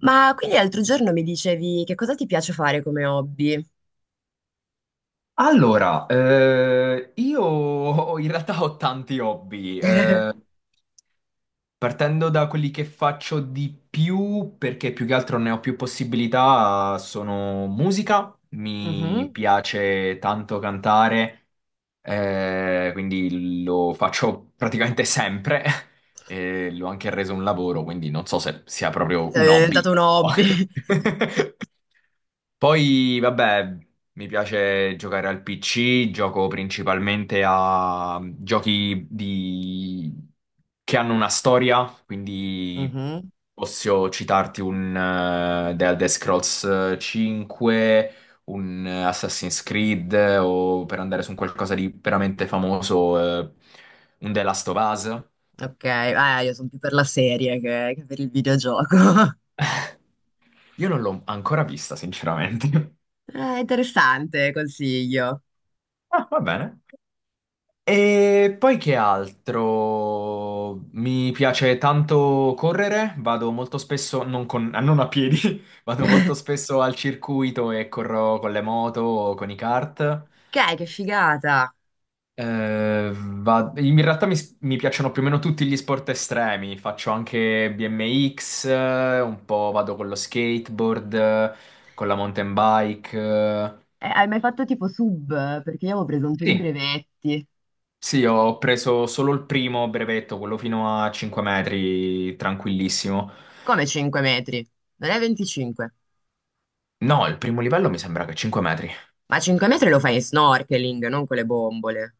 Ma quindi l'altro giorno mi dicevi che cosa ti piace fare come hobby? Allora, io in realtà ho tanti hobby, partendo da quelli che faccio di più, perché più che altro ne ho più possibilità, sono musica, mi Mhm. piace tanto cantare, quindi lo faccio praticamente sempre, e l'ho anche reso un lavoro, quindi non so se sia proprio È un hobby, diventato un però... hobby. Poi, vabbè, mi piace giocare al PC, gioco principalmente a giochi di... che hanno una storia, quindi Mhm. posso citarti un The Elder Scrolls 5, un Assassin's Creed o per andare su un qualcosa di veramente famoso, un The Last of Us. Ok, io sono più per la serie che per il videogioco. Io non l'ho ancora vista, sinceramente. Interessante, consiglio. Ah, va bene. E poi che altro? Mi piace tanto correre, vado molto spesso, non, ah, non a piedi, vado molto spesso al circuito e corro con le moto o con i kart. Ok, che figata. In realtà mi piacciono più o meno tutti gli sport estremi, faccio anche BMX, un po' vado con lo skateboard, con la mountain bike. Hai mai fatto tipo sub? Perché io avevo preso un po' di Sì. brevetti. Sì, ho preso solo il primo brevetto, quello fino a 5 metri, tranquillissimo. Come 5 metri? Non è 25. No, il primo livello mi sembra che è 5 metri. Ma 5 metri lo fai in snorkeling, non con le bombole.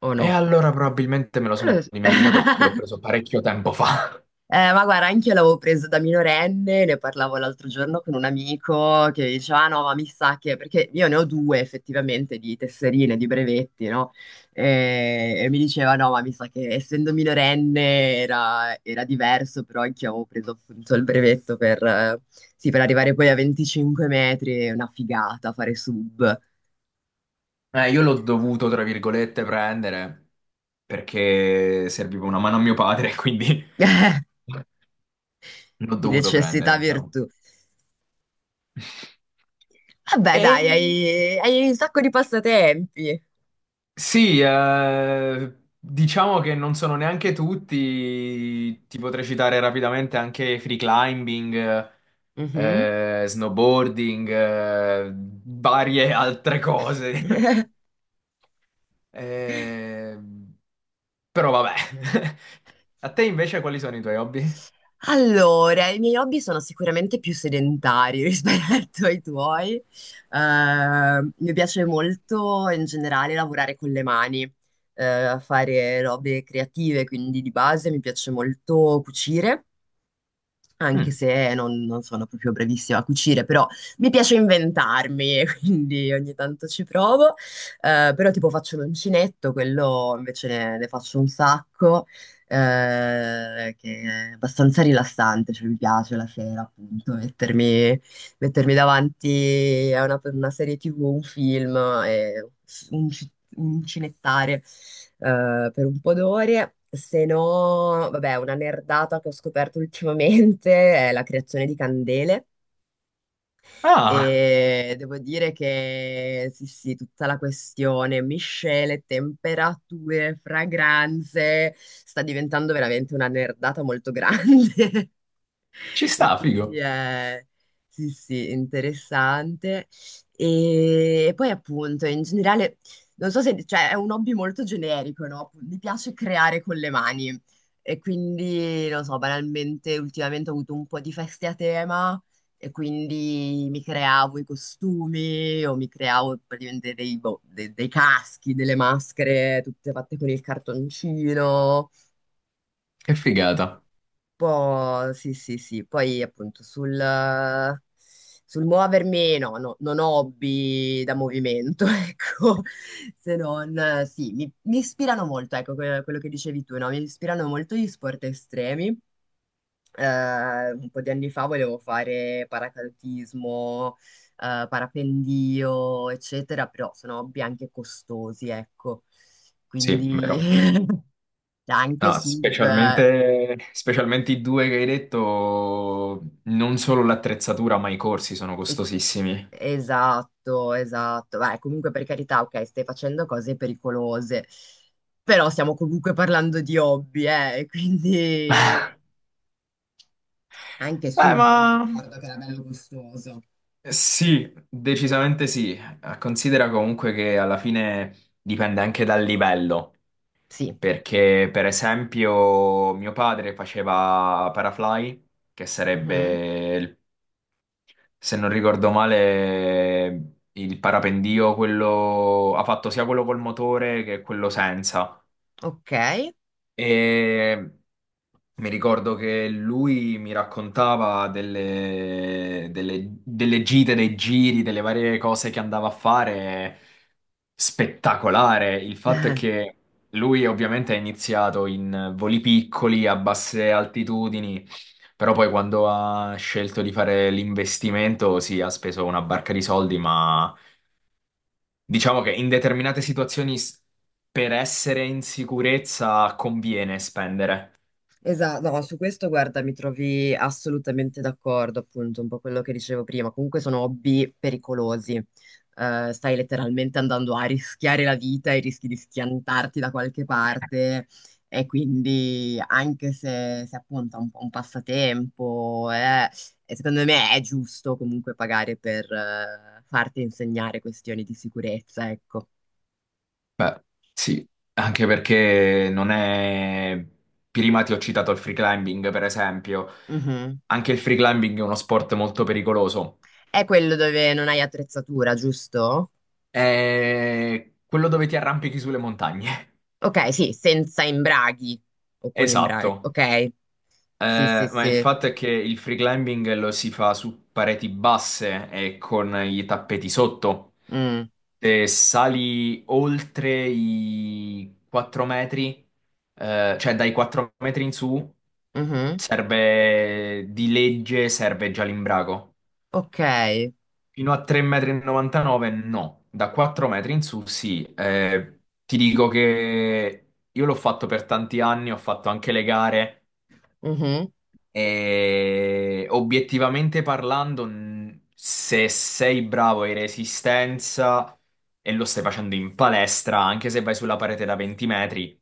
O E no? allora probabilmente me lo Non lo sono so. dimenticato perché l'ho preso parecchio tempo fa. Ma guarda, anche io l'avevo preso da minorenne, ne parlavo l'altro giorno con un amico che diceva, "Ah, no, ma mi sa che, perché io ne ho due effettivamente di tesserine, di brevetti, no? E mi diceva, no, ma mi sa che essendo minorenne era diverso, però anche io avevo preso appunto il brevetto per, sì, per arrivare poi a 25 metri, è una figata fare sub, Io l'ho dovuto, tra virgolette, prendere perché serviva una mano a mio padre, quindi l'ho di dovuto prendere, necessità diciamo. virtù. Vabbè, E dai, hai un sacco di passatempi. sì, diciamo che non sono neanche tutti, ti potrei citare rapidamente anche free climbing, Mhm. Snowboarding, varie altre cose. Eh, Però vabbè. A te invece quali sono i tuoi hobby? Allora, i miei hobby sono sicuramente più sedentari rispetto ai tuoi. Mi piace molto in generale lavorare con le mani, fare robe creative, quindi di base mi piace molto cucire anche Mm. se non sono proprio bravissima a cucire, però mi piace inventarmi, quindi ogni tanto ci provo. Però tipo faccio l'uncinetto, quello invece ne faccio un sacco, che è abbastanza rilassante, cioè mi piace la sera appunto mettermi davanti a una serie TV, un film, e un, ci- un cinettare per un po' d'ore. Se no, vabbè, una nerdata che ho scoperto ultimamente è la creazione di candele Ah, e devo dire che sì, tutta la questione miscele, temperature, fragranze sta diventando veramente una nerdata molto grande. ci E sta, quindi figo. è, sì, interessante. E poi appunto, in generale, non so se, cioè, è un hobby molto generico, no? Mi piace creare con le mani. E quindi, non so, banalmente, ultimamente ho avuto un po' di feste a tema e quindi mi creavo i costumi o mi creavo praticamente dei, boh, dei caschi, delle maschere, tutte fatte con il cartoncino Che figata. po', sì, sì, sì. Poi appunto sul, sul muovermi, no, no, non ho hobby da movimento, ecco, se non, sì, mi ispirano molto, ecco, quello che dicevi tu, no? Mi ispirano molto gli sport estremi. Un po' di anni fa volevo fare paracadutismo, parapendio, eccetera, però sono hobby anche costosi, ecco. Sì, vero. Quindi anche No, sub. specialmente, specialmente i due che hai detto, non solo l'attrezzatura, ma i corsi sono costosissimi. Esatto, esatto. Beh, comunque per carità, ok, stai facendo cose pericolose, però stiamo comunque parlando di hobby, quindi anche sub, mi Ma ricordo che era bello gustoso. sì, decisamente sì. Considera comunque che alla fine dipende anche dal livello, Sì. perché per esempio mio padre faceva parafly, che Mhm. sarebbe, se non ricordo male, il parapendio, quello ha fatto sia quello col motore che quello senza. Ok. E mi ricordo che lui mi raccontava delle, delle gite, dei giri, delle varie cose che andava a fare. Spettacolare. Il fatto è che lui ovviamente ha iniziato in voli piccoli, a basse altitudini, però poi quando ha scelto di fare l'investimento, sì, ha speso una barca di soldi, ma diciamo che in determinate situazioni per essere in sicurezza conviene spendere. Esatto, no, su questo guarda, mi trovi assolutamente d'accordo, appunto, un po' quello che dicevo prima. Comunque sono hobby pericolosi. Stai letteralmente andando a rischiare la vita e rischi di schiantarti da qualche parte. E quindi, anche se, se appunto è un, po' un passatempo, e secondo me è giusto comunque pagare per farti insegnare questioni di sicurezza, ecco. Beh, sì, anche perché non è... Prima ti ho citato il free climbing, per esempio. Mhm. Anche il free climbing è uno sport molto pericoloso. È quello dove non hai attrezzatura, giusto? È quello dove ti arrampichi sulle montagne. Ok, sì, senza imbraghi o con imbraghi. Esatto. Ok, sì, sì, Ma il sì. fatto è che il free climbing lo si fa su pareti basse e con i tappeti sotto. Mm, Se sali oltre i 4 metri, cioè dai 4 metri in su, mhm. serve di legge, serve già l'imbrago. Ok, Fino a 3,99 metri no, da 4 metri in su sì. Ti dico che io l'ho fatto per tanti anni, ho fatto anche le gare mhm, e obiettivamente parlando, se sei bravo in resistenza e lo stai facendo in palestra, anche se vai sulla parete da 20 metri,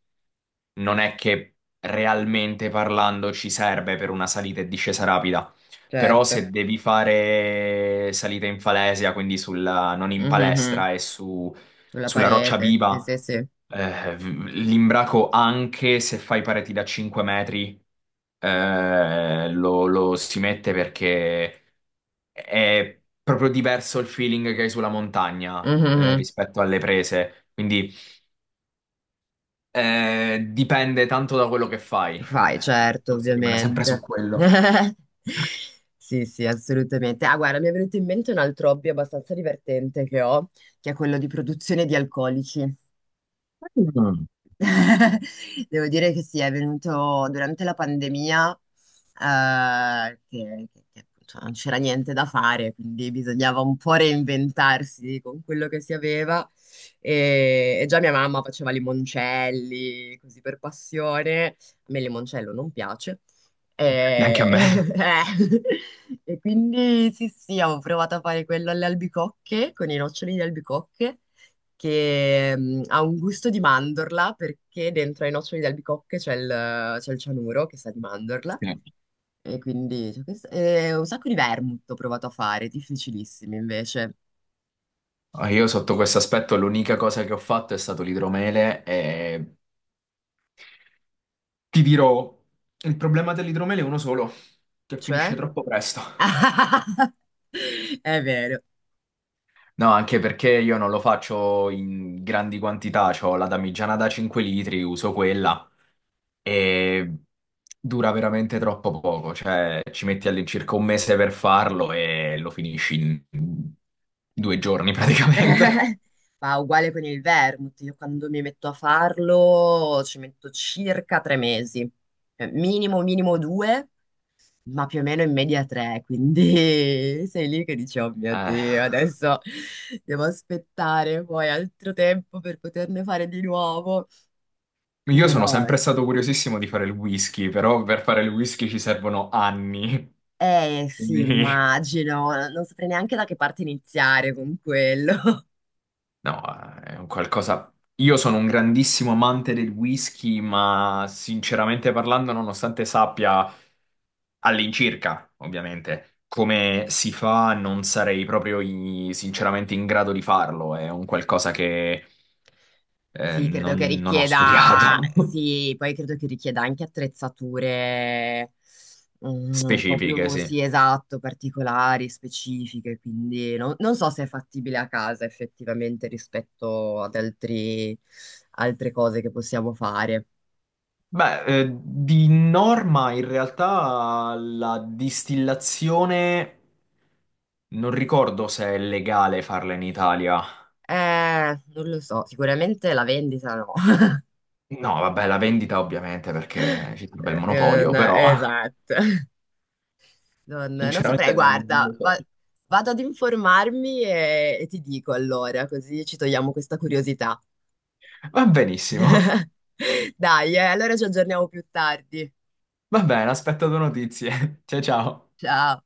non è che realmente parlando ci serve per una salita e discesa rapida. Però certo. se devi fare salita in falesia, non in Mhm. palestra Sulla sulla roccia parete, sì, viva, sì, sì. L'imbraco anche se fai pareti da 5 metri lo, lo si mette perché è proprio diverso il feeling che hai sulla montagna Mhm. rispetto alle prese. Quindi dipende tanto da quello che fai. Fai, Il certo, discorso rimane sempre su ovviamente. quello. Sì, sì, assolutamente. Ah, guarda, mi è venuto in mente un altro hobby abbastanza divertente che ho, che è quello di produzione di alcolici. Mm. Devo dire che sì, è venuto durante la pandemia, che appunto non c'era niente da fare, quindi bisognava un po' reinventarsi con quello che si aveva. E già mia mamma faceva limoncelli, così per passione. A me il limoncello non piace. Neanche a E, me. eh, e quindi sì, sì, avevo provato a fare quello alle albicocche, con i noccioli di albicocche che ha un gusto di mandorla perché dentro ai noccioli di albicocche c'è il cianuro che sa di mandorla Sì. e quindi c'è questo- e un sacco di vermouth ho provato a fare, difficilissimi invece. Ah, io sotto questo aspetto l'unica cosa che ho fatto è stato l'idromele e ti dirò, il problema dell'idromele è uno solo, che finisce Cioè? troppo presto. È vero. No, anche perché io non lo faccio in grandi quantità, ho la damigiana da 5 litri, uso quella e dura veramente troppo poco, cioè ci metti all'incirca 1 mese per farlo e lo finisci in 2 giorni praticamente. Ma uguale con il vermouth, io quando mi metto a farlo ci metto circa 3 mesi, minimo minimo due ma più o meno in media tre, quindi sei lì che dici, oh mio Eh, Dio, adesso devo aspettare poi altro tempo per poterne fare di nuovo. Io sono Però, sempre stato curiosissimo di fare il whisky, però per fare il whisky ci servono anni, eh sì, quindi immagino, non saprei neanche da che parte iniziare con quello. no, è un qualcosa. Io sono un grandissimo amante del whisky, ma sinceramente parlando, nonostante sappia all'incirca, ovviamente, come si fa, non sarei proprio sinceramente in grado di farlo. È un qualcosa che Sì, credo che non, non ho richieda, studiato. sì, poi credo che richieda anche attrezzature mm, un po' Specifiche, più, sì. sì, esatto, particolari, specifiche, quindi non so se è fattibile a casa effettivamente rispetto ad altri, altre cose che possiamo fare. Beh, di norma in realtà la distillazione non ricordo se è legale farla in Italia. Non lo so, sicuramente la vendita no. No, vabbè, la vendita ovviamente perché ci sarebbe il monopolio, no, però esatto. Non saprei, sinceramente non guarda, lo so. Vado ad informarmi e ti dico allora, così ci togliamo questa curiosità. Va benissimo. Dai, allora ci aggiorniamo più tardi. Va bene, aspetto tue notizie. Ciao ciao. Ciao.